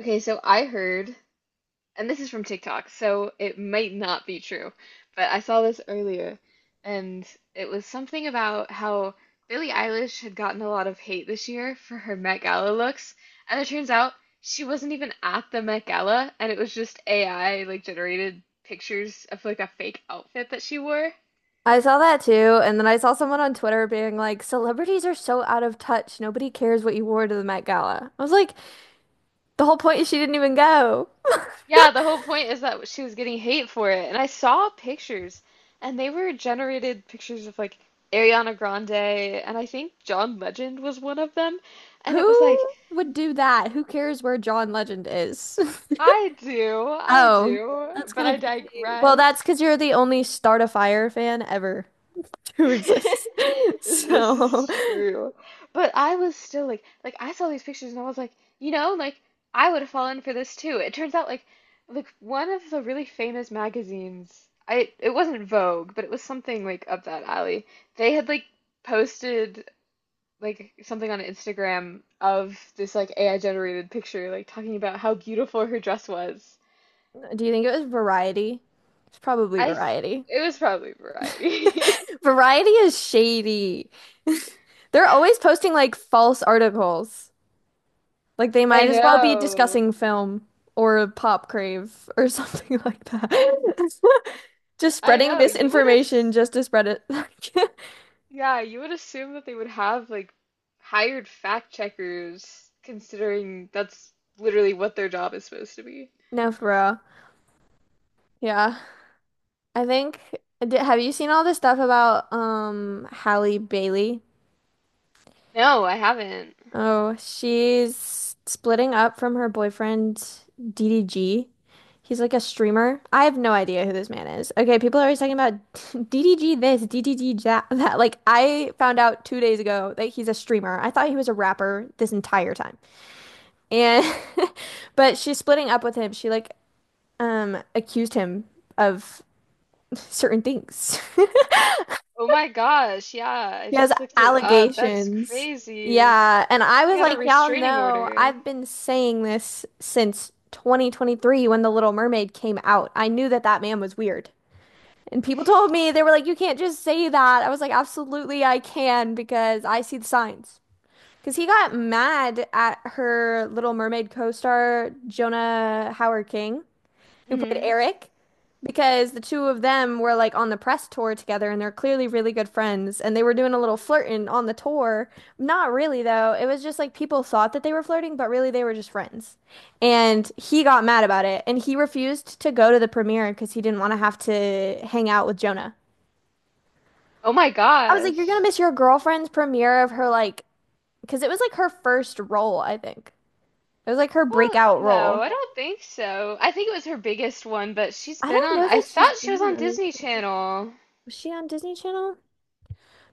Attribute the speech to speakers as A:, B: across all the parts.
A: Okay, so I heard, and this is from TikTok, so it might not be true, but I saw this earlier, and it was something about how Billie Eilish had gotten a lot of hate this year for her Met Gala looks, and it turns out she wasn't even at the Met Gala, and it was just AI like generated pictures of like a fake outfit that she wore.
B: I saw that too, and then I saw someone on Twitter being like, "Celebrities are so out of touch. Nobody cares what you wore to the Met Gala." I was like, "The whole point is she didn't even go.
A: Yeah, the whole point is that she was getting hate for it. And I saw pictures, and they were generated pictures of like Ariana Grande, and I think John Legend was one of them. And it was like,
B: Who would do that? Who cares where John Legend is?"
A: I
B: Oh,
A: do,
B: that's
A: but
B: kind
A: I
B: of crazy. Well, that's
A: digress.
B: because you're the only Start a Fire fan ever who exists.
A: This
B: So,
A: is true. But I was still like I saw these pictures and I was like, like I would have fallen for this too. It turns out like one of the really famous magazines, I it wasn't Vogue, but it was something like up that alley. They had like posted like something on Instagram of this like AI generated picture like talking about how beautiful her dress was.
B: do you think it was Variety? It's probably
A: I s-
B: Variety.
A: it was probably Variety.
B: Variety is shady. They're always posting like false articles. Like they
A: I
B: might as well be
A: know.
B: discussing film or pop crave or something like that. Just
A: I
B: spreading
A: know. You would have.
B: misinformation just to spread it.
A: Yeah, you would assume that they would have like hired fact checkers, considering that's literally what their job is supposed to be.
B: No, for real. Yeah. I think, have you seen all this stuff about Halle Bailey?
A: No, I haven't.
B: Oh, she's splitting up from her boyfriend DDG. He's like a streamer. I have no idea who this man is. Okay, people are always talking about DDG this, DDG that. Like, I found out 2 days ago that he's a streamer. I thought he was a rapper this entire time. And, but she's splitting up with him. She like accused him of certain things.
A: Oh my gosh, yeah, I
B: He has
A: just looked it up. That's
B: allegations.
A: crazy.
B: Yeah. And I
A: She
B: was
A: got a
B: like, y'all
A: restraining
B: know,
A: order.
B: I've been saying this since 2023 when The Little Mermaid came out. I knew that that man was weird. And people told me, they were like, you can't just say that. I was like, absolutely, I can because I see the signs. Because he got mad at her Little Mermaid co-star, Jonah Howard King who played
A: Hmm.
B: Eric, because the two of them were like on the press tour together and they're clearly really good friends and they were doing a little flirting on the tour. Not really though. It was just like people thought that they were flirting, but really they were just friends. And he got mad about it and he refused to go to the premiere because he didn't want to have to hang out with Jonah.
A: Oh my
B: I was like, you're gonna
A: gosh.
B: miss your girlfriend's premiere of her like, because it was like her first role, I think. It was like her
A: Well,
B: breakout
A: no,
B: role.
A: I don't think so. I think it was her biggest one, but she's
B: I
A: been
B: don't
A: on,
B: know
A: I
B: that she's
A: thought she
B: been
A: was
B: in
A: on
B: other.
A: Disney
B: Things.
A: Channel.
B: Was she on Disney Channel?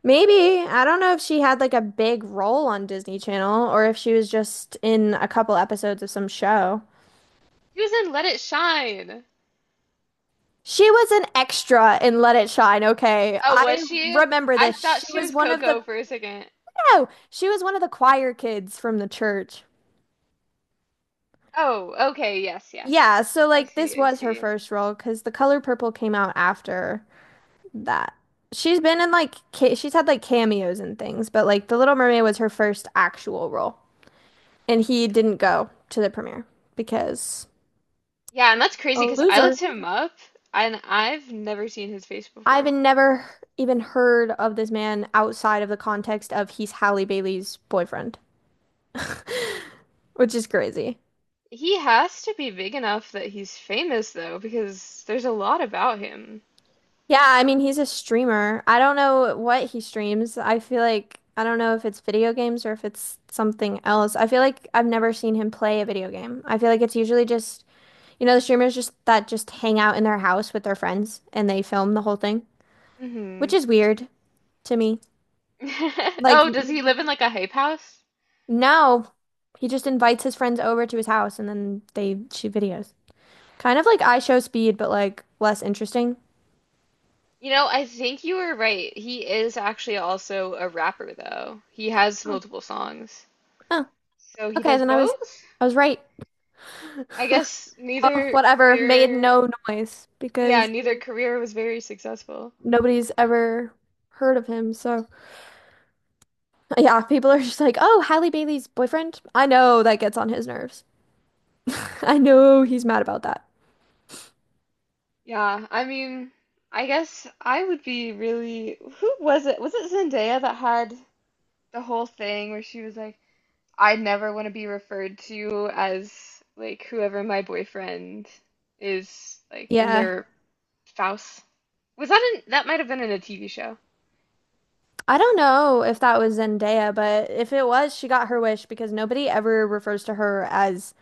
B: Maybe. I don't know if she had like a big role on Disney Channel or if she was just in a couple episodes of some show.
A: She was in Let It Shine.
B: She was an extra in Let It Shine, okay.
A: Oh,
B: I
A: was she?
B: remember
A: I
B: this.
A: thought
B: She
A: she
B: was
A: was
B: one of the
A: Coco for a second.
B: No, she was one of the choir kids from the church.
A: Oh, okay. Yes, yes,
B: Yeah,
A: yes.
B: so
A: I
B: like this
A: see, I
B: was her
A: see.
B: first role because The Color Purple came out after that. She's been in like ca she's had like cameos and things, but like The Little Mermaid was her first actual role. And he didn't go to the premiere because
A: Yeah, and that's
B: A
A: crazy because I
B: loser.
A: looked him up and I've never seen his face
B: I've
A: before.
B: never even heard of this man outside of the context of he's Halle Bailey's boyfriend, which is crazy.
A: He has to be big enough that he's famous though, because there's a lot about him.
B: Yeah, I mean, he's a streamer. I don't know what he streams. I feel like I don't know if it's video games or if it's something else. I feel like I've never seen him play a video game. I feel like it's usually just, you know, the streamers just that just hang out in their house with their friends and they film the whole thing, which
A: Mm-hmm.
B: is weird to me. Like
A: Oh, does he live in like a hype house?
B: No, he just invites his friends over to his house and then they shoot videos. Kind of like I Show Speed, but like less interesting.
A: You know, I think you were right. He is actually also a rapper though. He has
B: Oh,
A: multiple songs.
B: oh,
A: So he
B: okay,
A: does
B: then
A: both?
B: I was right.
A: I guess
B: Well,
A: neither
B: whatever, made
A: career,
B: no noise
A: yeah,
B: because
A: neither career was very successful.
B: nobody's ever heard of him. So yeah, people are just like, "Oh, Halle Bailey's boyfriend?" I know that gets on his nerves. I know he's mad about that.
A: Yeah, I mean, I guess I would be really. Who was it? Was it Zendaya that had the whole thing where she was like, I never want to be referred to as like whoever my boyfriend is, like, and
B: Yeah.
A: their spouse? Was that in, that might have been in a TV show.
B: I don't know if that was Zendaya, but if it was, she got her wish because nobody ever refers to her as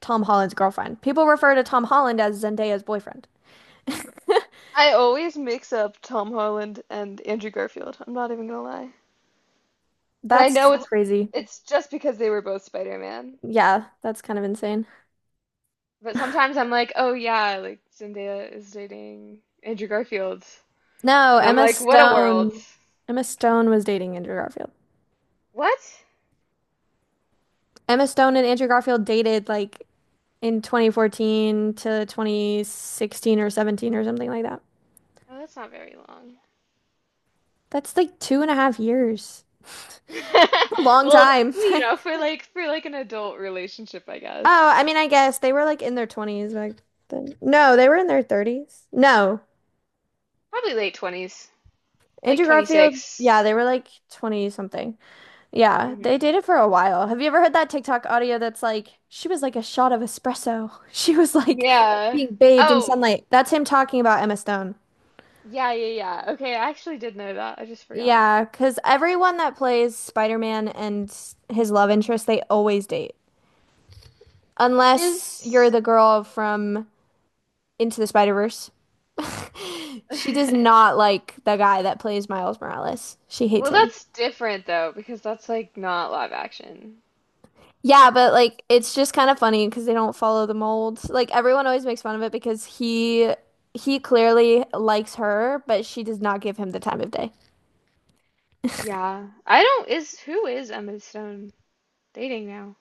B: Tom Holland's girlfriend. People refer to Tom Holland as Zendaya's boyfriend.
A: I always mix up Tom Holland and Andrew Garfield. I'm not even gonna lie. And I
B: That's
A: know
B: crazy.
A: it's just because they were both Spider-Man.
B: Yeah, that's kind of insane.
A: But sometimes I'm like, oh yeah, like Zendaya is dating Andrew Garfield.
B: No,
A: And I'm
B: Emma
A: like, what a world.
B: Stone. Emma Stone was dating Andrew Garfield.
A: What?
B: Emma Stone and Andrew Garfield dated like in 2014 to 2016 or 17 or something like that.
A: Oh, that's not very long.
B: That's like 2.5 years. A long
A: Well,
B: time.
A: you know, for like an adult relationship, I guess.
B: Oh, I mean, I guess they were like in their 20s back then. No, they were in their 30s. No.
A: Probably late 20s, like
B: Andrew Garfield,
A: 26.
B: yeah, they were like 20 something. Yeah, they
A: Hmm.
B: dated for a while. Have you ever heard that TikTok audio that's like, she was like a shot of espresso? She was like
A: Yeah.
B: being bathed in
A: Oh,
B: sunlight. That's him talking about Emma Stone.
A: yeah, yeah, yeah. Okay, I actually did know that. I just forgot.
B: Yeah, because everyone that plays Spider-Man and his love interest, they always date. Unless you're
A: Is
B: the girl from Into the Spider-Verse. She does not like the guy that plays Miles Morales. She hates
A: well,
B: him.
A: that's different though, because that's like not live action.
B: Yeah, but like it's just kind of funny because they don't follow the mold. Like everyone always makes fun of it because he clearly likes her, but she does not give him the time of day.
A: Yeah. I don't is who is Emma Stone dating now?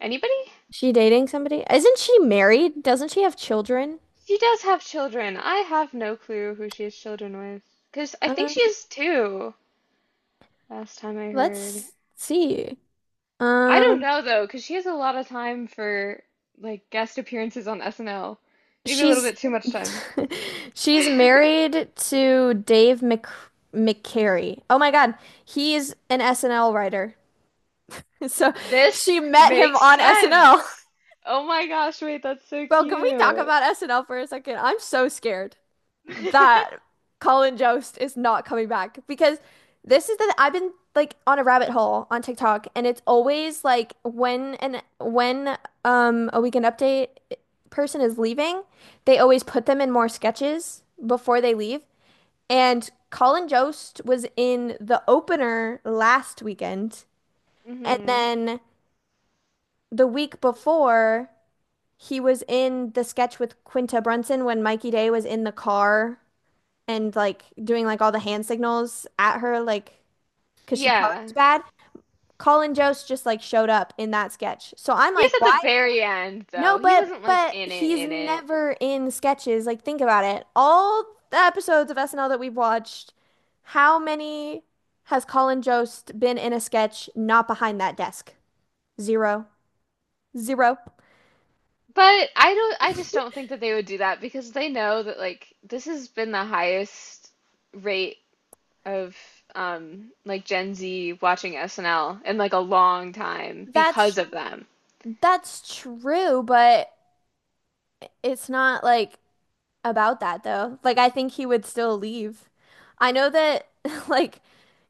A: Anybody?
B: She dating somebody? Isn't she married? Doesn't she have children?
A: She does have children. I have no clue who she has children with. 'Cause I think she
B: Um,
A: has two, last time I heard.
B: let's see.
A: I don't
B: Um,
A: know though, 'cause she has a lot of time for like guest appearances on SNL. Maybe a little
B: She's
A: bit too much time.
B: she's married to Dave Mc McCary. Oh my God, he's an SNL writer. So
A: This
B: she met him
A: makes
B: on SNL.
A: sense. Oh my gosh, wait, that's so
B: Bro, can we talk
A: cute.
B: about SNL for a second? I'm so scared that Colin Jost is not coming back because this is the I've been like on a rabbit hole on TikTok and it's always like when a weekend update person is leaving, they always put them in more sketches before they leave. And Colin Jost was in the opener last weekend and
A: Mm-hmm.
B: then the week before he was in the sketch with Quinta Brunson when Mikey Day was in the car and like doing like all the hand signals at her, like because she
A: Yeah.
B: parked bad. Colin Jost just like showed up in that sketch. So I'm
A: He
B: like,
A: was at the
B: why?
A: very end
B: No,
A: though. He
B: but
A: wasn't like
B: but
A: in it
B: he's
A: in it.
B: never in sketches. Like think about it. All the episodes of SNL that we've watched, how many has Colin Jost been in a sketch not behind that desk? Zero. Zero.
A: But I just don't think that they would do that because they know that like this has been the highest rate of like Gen Z watching SNL in like a long time because
B: That's
A: of them.
B: that's true, but it's not like about that though. Like I think he would still leave. I know that like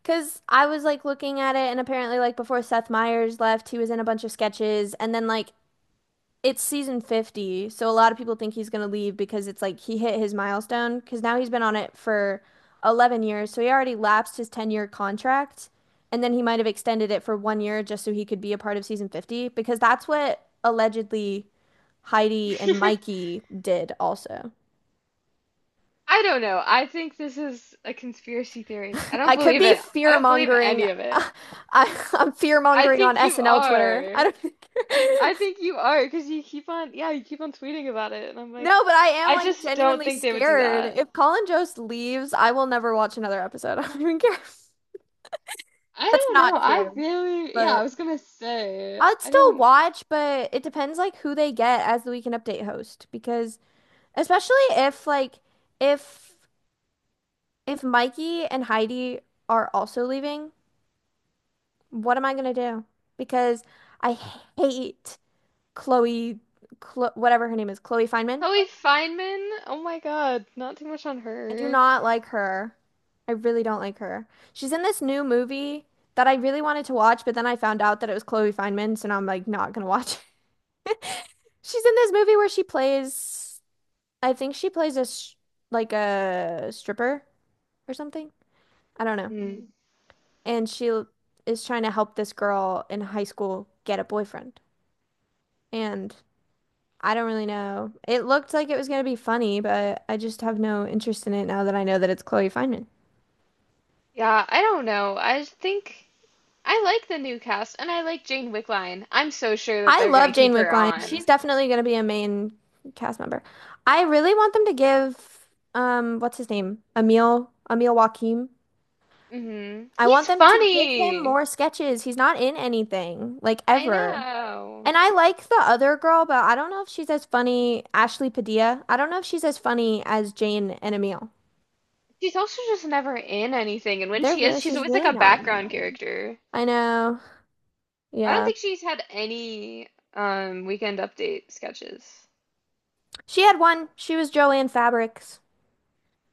B: because I was like looking at it and apparently like before Seth Meyers left, he was in a bunch of sketches and then like it's season 50, so a lot of people think he's gonna leave because it's like he hit his milestone because now he's been on it for 11 years, so he already lapsed his 10-year contract and then he might have extended it for 1 year just so he could be a part of season 50 because that's what allegedly Heidi and Mikey did also.
A: I don't know. I think this is a conspiracy theory. I don't
B: I could
A: believe
B: be
A: it. I
B: fear
A: don't believe
B: mongering.
A: any of it.
B: I'm fear
A: I
B: mongering on
A: think you
B: SNL Twitter. I
A: are.
B: don't think...
A: I think you are because you keep on, yeah, you keep on tweeting about it, and I'm like,
B: No, but I am
A: I
B: like
A: just don't
B: genuinely
A: think they would do
B: scared.
A: that.
B: If Colin Jost leaves, I will never watch another episode. I don't even care.
A: I
B: That's
A: don't know.
B: not true.
A: Yeah,
B: But
A: I was gonna say,
B: I'd
A: I
B: still
A: don't.
B: watch, but it depends like who they get as the Weekend Update host because especially if like if if Mikey and Heidi are also leaving, what am I gonna do? Because I hate Chloe, Chlo whatever her name is, Chloe Fineman.
A: Chloe Fineman, oh my God, not too much on
B: I do
A: her.
B: not like her. I really don't like her. She's in this new movie that I really wanted to watch, but then I found out that it was Chloe Fineman, so now I'm like not gonna watch it. She's in this movie where she plays, I think she plays a sh like a stripper or something. I don't know.
A: Mm.
B: And is trying to help this girl in high school get a boyfriend. And I don't really know. It looked like it was going to be funny, but I just have no interest in it now that I know that it's Chloe Fineman.
A: Yeah, I don't know. I just think I like the new cast, and I like Jane Wickline. I'm so sure that
B: I
A: they're gonna
B: love Jane
A: keep her
B: Wickline.
A: on.
B: She's definitely going to be a main cast member. I really want them to give what's his name? Emil Joachim.
A: Hmm.
B: I want
A: He's
B: them to give him
A: funny.
B: more sketches. He's not in anything like
A: I
B: ever.
A: know.
B: And I like the other girl, but I don't know if she's as funny, Ashley Padilla. I don't know if she's as funny as Jane and Emil.
A: She's also just never in anything, and when she is, she's
B: She's
A: always like
B: really
A: a
B: not in
A: background
B: anything.
A: character.
B: I know.
A: I don't
B: Yeah.
A: think she's had any weekend update sketches.
B: She had one. She was Joanne Fabrics.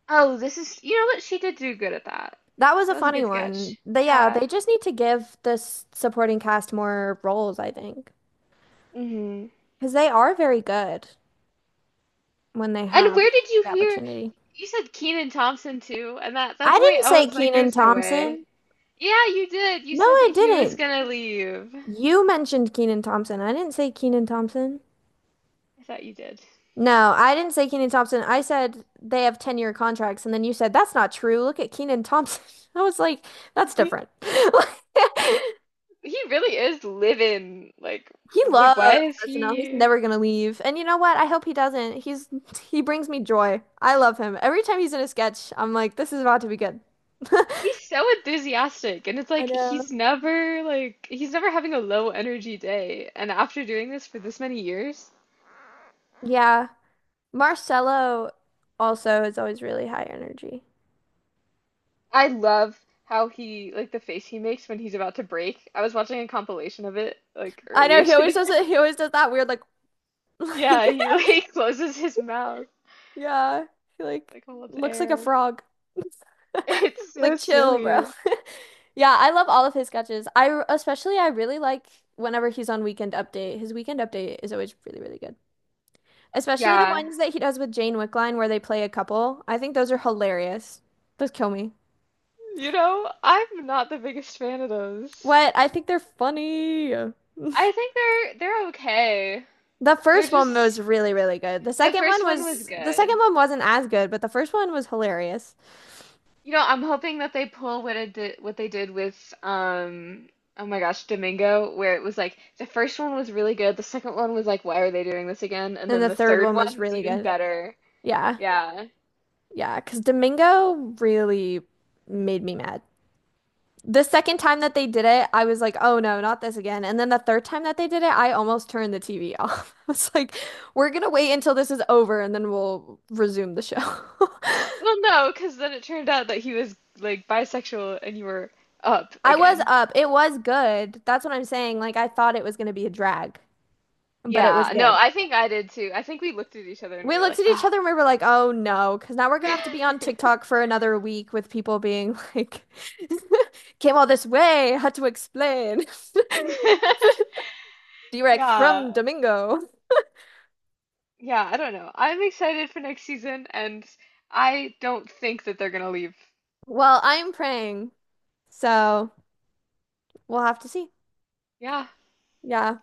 A: Oh, this is you know what? She did do good at that.
B: That was a
A: That was a
B: funny
A: good
B: one.
A: sketch.
B: They, yeah,
A: Yeah.
B: they just need to give this supporting cast more roles, I think,
A: Hmm.
B: because they are very good when they
A: And
B: have
A: where did you
B: the
A: hear?
B: opportunity.
A: You said Keenan Thompson too, and at that
B: I
A: point
B: didn't
A: I
B: say
A: was like,
B: Keenan
A: there's no
B: Thompson.
A: way. Yeah, you did. You
B: No,
A: said that
B: I
A: he was
B: didn't.
A: gonna leave.
B: You mentioned Keenan Thompson. I didn't say Keenan Thompson.
A: I thought you did.
B: No, I didn't say Keenan Thompson. I said they have 10-year contracts, and then you said that's not true. Look at Keenan Thompson. I was like, that's different.
A: He really is living like
B: He loves
A: why is
B: SNL. He's
A: he?
B: never gonna leave. And you know what? I hope he doesn't. He brings me joy. I love him. Every time he's in a sketch, I'm like, this is about to be good.
A: He's so enthusiastic, and it's
B: I
A: like
B: know.
A: he's never he's never having a low energy day. And after doing this for this many years,
B: Yeah. Marcelo also is always really high energy.
A: I love how he like the face he makes when he's about to break. I was watching a compilation of it like
B: I know
A: earlier
B: he always
A: today.
B: does it. He always does that weird like like
A: Yeah, he like closes his mouth,
B: yeah. He like
A: like holds
B: looks like a
A: air.
B: frog.
A: It's so
B: Like chill, bro.
A: silly.
B: Yeah, I love all of his sketches. I really like whenever he's on Weekend Update. His Weekend Update is always really, really good. Especially the
A: Yeah.
B: ones that he does with Jane Wickline where they play a couple. I think those are hilarious. Those kill me.
A: You know, I'm not the biggest fan of those.
B: What? I think they're funny.
A: I think they're okay.
B: The
A: They're
B: first one
A: just
B: was really, really good.
A: the first one was
B: The second
A: good.
B: one wasn't as good, but the first one was hilarious.
A: You know, I'm hoping that they pull what it did, what they did with oh my gosh, Domingo, where it was like the first one was really good, the second one was like, why are they doing this again? And
B: And
A: then
B: the
A: the
B: third
A: third
B: one
A: one
B: was
A: was
B: really
A: even
B: good.
A: better.
B: Yeah.
A: Yeah.
B: Yeah, 'cause Domingo really made me mad. The second time that they did it, I was like, oh no, not this again. And then the third time that they did it, I almost turned the TV off. I was like, we're gonna wait until this is over and then we'll resume the show.
A: Well, no, because then it turned out that he was like bisexual and you were up
B: I was
A: again.
B: up. It was good. That's what I'm saying. Like, I thought it was gonna be a drag, but it was
A: Yeah, no,
B: good.
A: I think I did too. I think we looked at each other and we
B: We
A: were
B: looked
A: like,
B: at each
A: ah.
B: other and we were like, oh no, because now we're gonna have to be on TikTok for another week with people being like, came all this way, had to explain. Direct
A: Yeah.
B: from Domingo.
A: Yeah, I don't know. I'm excited for next season, and I don't think that they're gonna leave.
B: Well, I'm praying, so we'll have to see.
A: Yeah,
B: Yeah.